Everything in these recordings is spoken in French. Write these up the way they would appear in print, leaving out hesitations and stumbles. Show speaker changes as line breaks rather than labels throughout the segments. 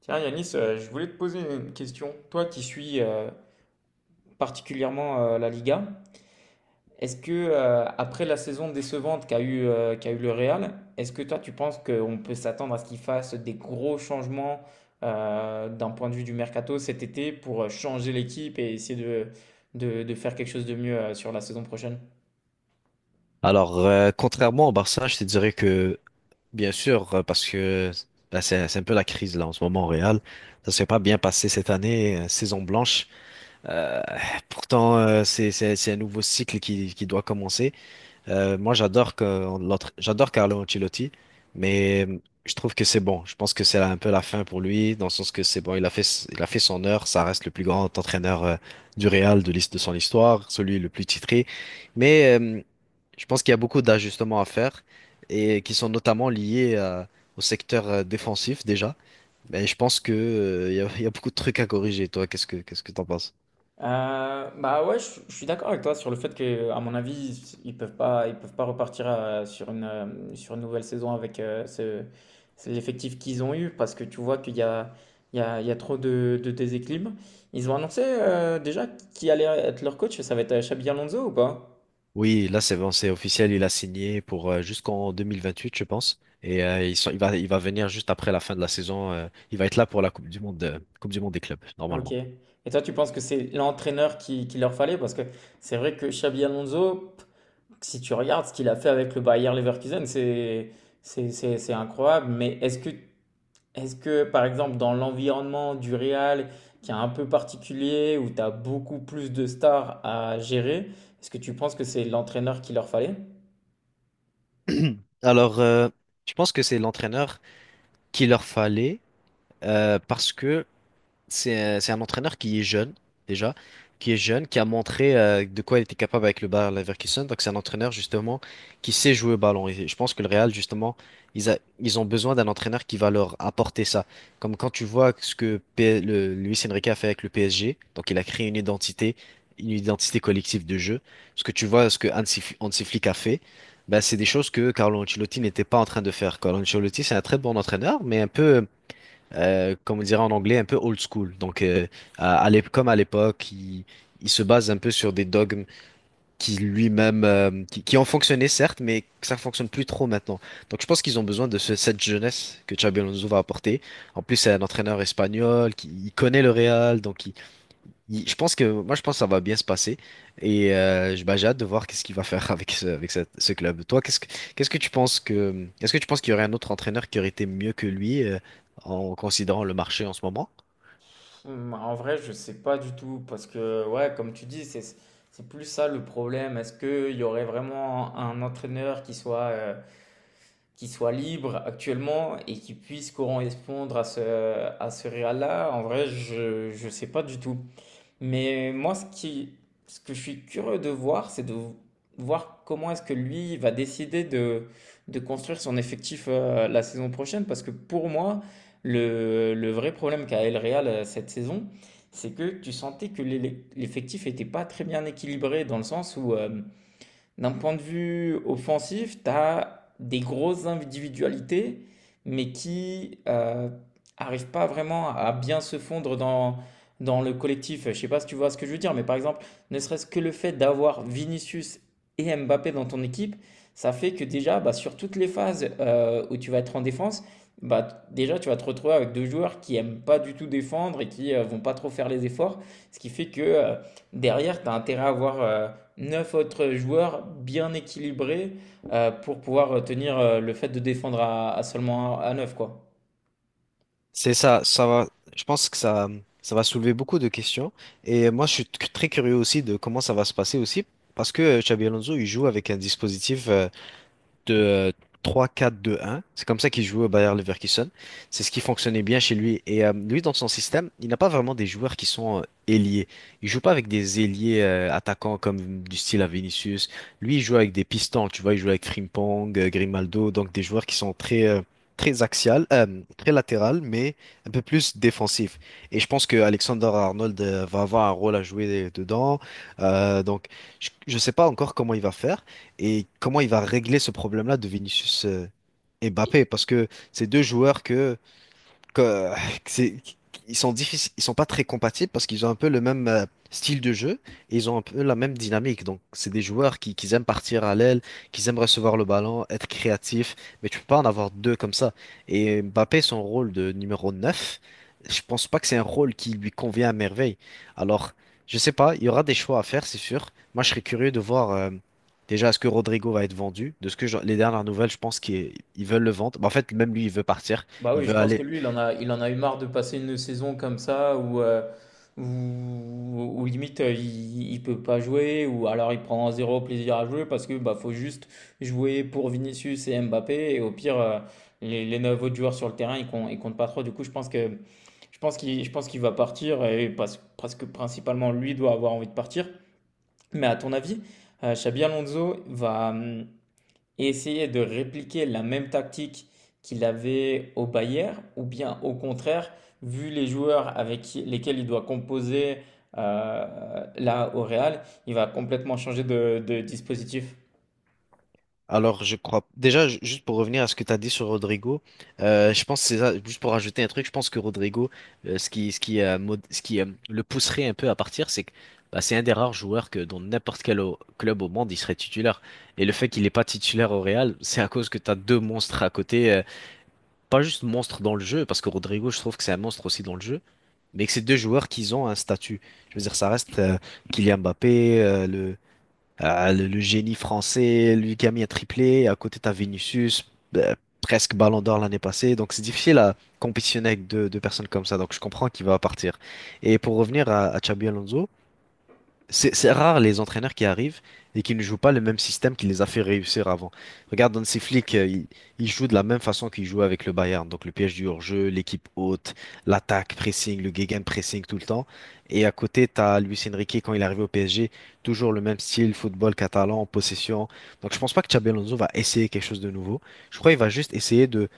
Tiens, Yanis, je voulais te poser une question. Toi qui suis particulièrement la Liga, est-ce que après la saison décevante qu'a eu le Real, est-ce que toi tu penses qu'on peut s'attendre à ce qu'il fasse des gros changements d'un point de vue du mercato cet été pour changer l'équipe et essayer de faire quelque chose de mieux sur la saison prochaine?
Alors, contrairement au Barça, je te dirais que, bien sûr, parce que ben, c'est un peu la crise là en ce moment au Real, ça s'est pas bien passé cette année, saison blanche. Euh, Pourtant, c'est un nouveau cycle qui doit commencer. Moi, j'adore Carlo Ancelotti, mais je trouve que c'est bon. Je pense que c'est un peu la fin pour lui, dans le sens que c'est bon, il a fait son heure, ça reste le plus grand entraîneur du Real de son histoire, celui le plus titré, mais je pense qu'il y a beaucoup d'ajustements à faire et qui sont notamment liés au secteur défensif déjà. Mais je pense que il y a beaucoup de trucs à corriger. Toi, qu'est-ce que t'en penses?
Bah ouais, je suis d'accord avec toi sur le fait que, à mon avis, ils peuvent pas repartir sur sur une nouvelle saison avec c'est l'effectif qu'ils ont eu parce que tu vois qu'il y a, il y a, il y a trop de déséquilibre. Ils ont annoncé déjà qui allait être leur coach, ça va être Xabi Alonso ou pas?
Oui, là c'est bon, c'est officiel. Il a signé pour jusqu'en 2028, je pense. Et il va venir juste après la fin de la saison. Il va être là pour la Coupe du Monde des clubs
Ok.
normalement.
Et toi, tu penses que c'est l'entraîneur qui leur fallait? Parce que c'est vrai que Xabi Alonso, si tu regardes ce qu'il a fait avec le Bayer Leverkusen, c'est incroyable. Est-ce que, par exemple, dans l'environnement du Real, qui est un peu particulier, où tu as beaucoup plus de stars à gérer, est-ce que tu penses que c'est l'entraîneur qu'il leur fallait?
Alors, je pense que c'est l'entraîneur qu'il leur fallait parce que c'est un entraîneur qui est jeune, déjà, qui est jeune, qui a montré de quoi il était capable avec le Bayer Leverkusen. Donc, c'est un entraîneur, justement, qui sait jouer au ballon. Et je pense que le Real, justement, ils ont besoin d'un entraîneur qui va leur apporter ça. Comme quand tu vois ce que Luis Enrique a fait avec le PSG. Donc, il a créé une identité collective de jeu. Ce que tu vois, ce que Hansi Flick a fait. Ben, c'est des choses que Carlo Ancelotti n'était pas en train de faire. Carlo Ancelotti, c'est un très bon entraîneur, mais un peu comme on dirait en anglais, un peu old school. Donc, comme à l'époque, il se base un peu sur des dogmes qui ont fonctionné certes, mais que ça fonctionne plus trop maintenant. Donc, je pense qu'ils ont besoin de cette jeunesse que Xabi Alonso va apporter. En plus, c'est un entraîneur espagnol qui il connaît le Real, donc je pense que ça va bien se passer et bah, j'ai hâte de voir qu'est-ce qu'il va faire avec ce club. Toi, qu'est-ce que tu penses que est-ce que tu penses qu'il y aurait un autre entraîneur qui aurait été mieux que lui en considérant le marché en ce moment?
En vrai, je sais pas du tout, parce que, ouais, comme tu dis, c'est plus ça le problème. Est-ce qu'il y aurait vraiment un entraîneur qui soit libre actuellement et qui puisse correspondre à à ce Real-là? En vrai, je sais pas du tout. Mais moi, ce que je suis curieux de voir, c'est de voir comment est-ce que lui va décider de construire son effectif la saison prochaine. Parce que pour moi, le vrai problème qu'a El Real cette saison, c'est que tu sentais que l'effectif n'était pas très bien équilibré dans le sens où d'un point de vue offensif, tu as des grosses individualités, mais qui arrivent pas vraiment à bien se fondre dans le collectif. Je ne sais pas si tu vois ce que je veux dire, mais par exemple, ne serait-ce que le fait d'avoir Vinicius et Mbappé dans ton équipe, ça fait que déjà, bah, sur toutes les phases où tu vas être en défense, bah, déjà, tu vas te retrouver avec deux joueurs qui aiment pas du tout défendre et qui ne vont pas trop faire les efforts. Ce qui fait que derrière, tu as intérêt à avoir 9 autres joueurs bien équilibrés pour pouvoir tenir le fait de défendre à seulement à 9 quoi.
C'est ça, ça va. Je pense que ça va soulever beaucoup de questions et moi je suis très curieux aussi de comment ça va se passer aussi parce que Xabi Alonso il joue avec un dispositif de 3-4-2-1. C'est comme ça qu'il jouait au Bayer Leverkusen. C'est ce qui fonctionnait bien chez lui. Et lui, dans son système, il n'a pas vraiment des joueurs qui sont ailiers. Il joue pas avec des ailiers attaquants comme du style à Vinicius. Lui, il joue avec des pistons. Tu vois, il joue avec Frimpong, Grimaldo, donc des joueurs qui sont très très axial, très latéral, mais un peu plus défensif. Et je pense que Alexander Arnold va avoir un rôle à jouer dedans. Donc, je ne sais pas encore comment il va faire et comment il va régler ce problème-là de Vinicius et Mbappé. Parce que c'est deux joueurs que- que c'est- ils sont difficiles, ils sont pas très compatibles parce qu'ils ont un peu le même style de jeu et ils ont un peu la même dynamique. Donc, c'est des joueurs qui aiment partir à l'aile, qui aiment recevoir le ballon, être créatifs, mais tu peux pas en avoir deux comme ça. Et Mbappé, son rôle de numéro 9, je pense pas que c'est un rôle qui lui convient à merveille. Alors, je sais pas, il y aura des choix à faire, c'est sûr. Moi, je serais curieux de voir déjà est-ce que Rodrigo va être vendu. De ce que les dernières nouvelles, je pense qu'ils veulent le vendre. Mais en fait, même lui, il veut partir.
Bah
Il
oui, je
veut
pense que
aller.
lui, il en a eu marre de passer une saison comme ça où, où, où limite il peut pas jouer ou alors il prend zéro plaisir à jouer parce que bah faut juste jouer pour Vinicius et Mbappé et au pire les neuf autres joueurs sur le terrain ils comptent pas trop. Du coup, je pense qu'il va partir et parce que principalement lui doit avoir envie de partir. Mais à ton avis, Xabi Alonso va essayer de répliquer la même tactique qu'il avait au Bayern, ou bien au contraire, vu les joueurs avec lesquels il doit composer là au Real, il va complètement changer de dispositif.
Alors, je crois. Déjà, juste pour revenir à ce que tu as dit sur Rodrigo, je pense que c'est ça. Juste pour rajouter un truc, je pense que Rodrigo, ce qui le pousserait un peu à partir, c'est que bah, c'est un des rares joueurs que dans n'importe quel club au monde, il serait titulaire. Et le fait qu'il n'est pas titulaire au Real, c'est à cause que tu as deux monstres à côté. Pas juste monstre dans le jeu, parce que Rodrigo, je trouve que c'est un monstre aussi dans le jeu, mais que c'est deux joueurs qui ont un statut. Je veux dire, ça reste Kylian Mbappé, le génie français, lui qui a mis un triplé. À côté, t'as Vinicius, euh, presque Ballon d'Or l'année passée. Donc, c'est difficile à compétitionner avec deux personnes comme ça. Donc, je comprends qu'il va partir. Et pour revenir à Xabi Alonso, c'est rare les entraîneurs qui arrivent et qui ne jouent pas le même système qui les a fait réussir avant. Regarde, Hansi Flick, il joue de la même façon qu'il jouait avec le Bayern. Donc le piège du hors-jeu, l'équipe haute, l'attaque, pressing, le gegenpressing tout le temps. Et à côté, tu as Luis Enrique quand il est arrivé au PSG, toujours le même style, football catalan, possession. Donc je pense pas que Xabi Alonso va essayer quelque chose de nouveau. Je crois qu'il va juste essayer de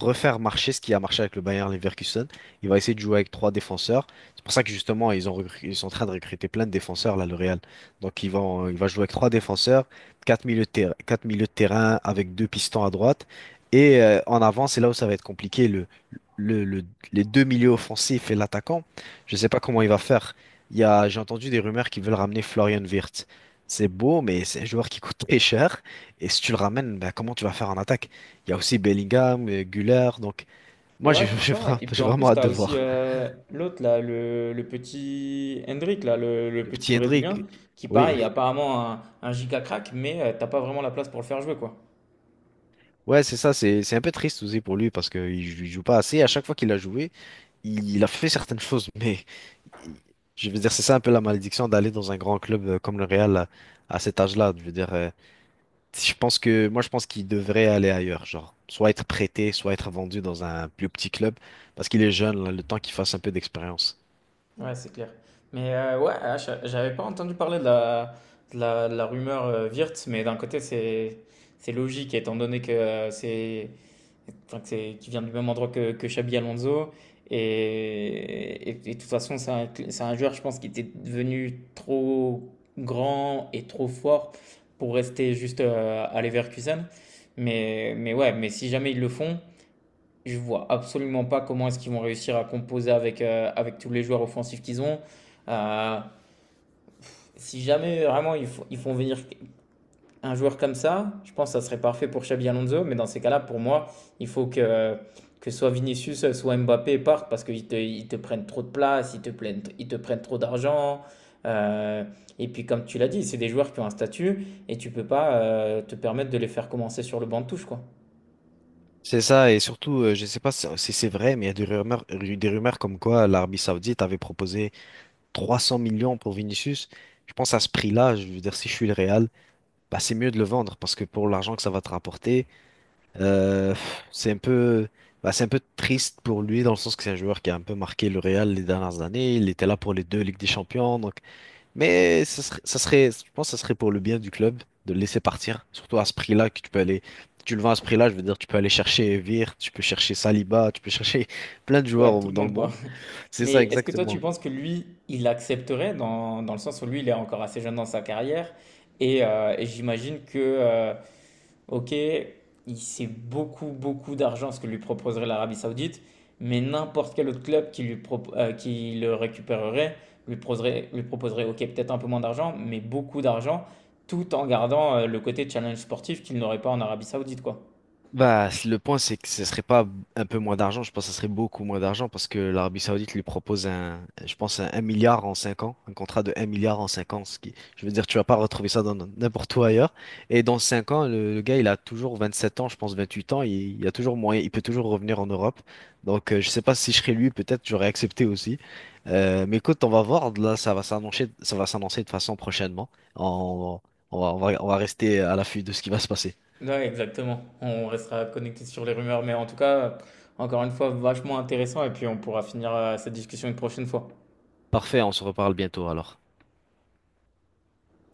refaire marcher ce qui a marché avec le Bayern Leverkusen. Il va essayer de jouer avec trois défenseurs. C'est pour ça que justement, ils sont en train de recruter plein de défenseurs, là, le Real. Donc, il va jouer avec trois défenseurs, quatre milieux de terrain, quatre milieux de terrain avec deux pistons à droite. Et en avant, c'est là où ça va être compliqué. Le, le- les deux milieux offensifs et l'attaquant, je ne sais pas comment il va faire. J'ai entendu des rumeurs qu'ils veulent ramener Florian Wirtz. C'est beau, mais c'est un joueur qui coûte très cher. Et si tu le ramènes, ben, comment tu vas faire en attaque? Il y a aussi Bellingham, Güler. Donc, moi,
Ouais,
j'ai
c'est ça. Et puis
j'ai
en
vraiment
plus,
hâte
tu as
de
aussi
voir.
l'autre, là, le petit Hendrick, là, le
Le
petit
petit
Brésilien,
Hendrick.
qui
Oui.
pareil, est apparemment un giga crack, mais tu t'as pas vraiment la place pour le faire jouer, quoi.
Ouais, c'est ça. C'est un peu triste aussi pour lui parce qu'il joue pas assez. À chaque fois qu'il a joué, il a fait certaines choses. Mais il- je veux dire, c'est ça un peu la malédiction d'aller dans un grand club comme le Real à cet âge-là. Je veux dire, je pense qu'il devrait aller ailleurs. Genre, soit être prêté, soit être vendu dans un plus petit club parce qu'il est jeune, là, le temps qu'il fasse un peu d'expérience.
Ouais, c'est clair. Mais j'avais pas entendu parler de la, de la rumeur Wirtz, mais d'un côté, c'est logique, étant donné que c'est enfin, qu'il vient du même endroit que Xabi Alonso. Et, et de toute façon, c'est c'est un joueur, je pense, qui était devenu trop grand et trop fort pour rester juste à Leverkusen. Mais ouais, mais si jamais ils le font. Je vois absolument pas comment est-ce qu'ils vont réussir à composer avec, avec tous les joueurs offensifs qu'ils ont. Euh, si jamais vraiment ils font venir un joueur comme ça, je pense que ça serait parfait pour Xabi Alonso. Mais dans ces cas-là, pour moi, il faut que soit Vinicius, soit Mbappé partent parce ils te prennent trop de place, ils te prennent trop d'argent. Euh, et puis, comme tu l'as dit, c'est des joueurs qui ont un statut et tu peux pas te permettre de les faire commencer sur le banc de touche, quoi.
C'est ça, et surtout, je sais pas si c'est vrai, mais il y a des rumeurs comme quoi l'Arabie Saoudite avait proposé 300 millions pour Vinicius, je pense à ce prix-là, je veux dire, si je suis le Real, bah, c'est mieux de le vendre parce que pour l'argent que ça va te rapporter, euh, pff, c'est un peu, bah, c'est un peu triste pour lui dans le sens que c'est un joueur qui a un peu marqué le Real les dernières années. Il était là pour les deux Ligues des Champions, donc, mais je pense que ça serait pour le bien du club de le laisser partir, surtout à ce prix-là que tu peux aller. Tu le vends à ce prix-là, je veux dire, tu peux aller chercher Vir, tu peux chercher Saliba, tu peux chercher plein de joueurs
Ouais, tout le
dans le
monde, quoi.
monde. C'est
Mais
ça
est-ce que toi, tu
exactement.
penses que lui, il accepterait dans le sens où lui, il est encore assez jeune dans sa carrière et j'imagine que, ok, il sait beaucoup, beaucoup d'argent ce que lui proposerait l'Arabie Saoudite, mais n'importe quel autre club qui le récupérerait lui proposerait ok, peut-être un peu moins d'argent, mais beaucoup d'argent, tout en gardant le côté challenge sportif qu'il n'aurait pas en Arabie Saoudite, quoi.
Bah, le point, c'est que ce serait pas un peu moins d'argent, je pense que ce serait beaucoup moins d'argent parce que l'Arabie Saoudite lui propose un, je pense, un 1 milliard en 5 ans, un contrat de 1 milliard en 5 ans, ce qui, je veux dire, tu vas pas retrouver ça dans n'importe où ailleurs. Et dans 5 ans, le gars, il a toujours 27 ans, je pense 28 ans, il a toujours moyen, il peut toujours revenir en Europe. Donc, je sais pas si je serais lui, peut-être j'aurais accepté aussi. Mais écoute, on va voir, là, ça va s'annoncer de façon prochainement. On, on va on va rester à l'affût de ce qui va se passer.
Ouais, exactement. On restera connecté sur les rumeurs, mais en tout cas, euh, encore une fois, vachement intéressant et puis on pourra finir, cette discussion une prochaine fois.
Parfait, on se reparle bientôt alors.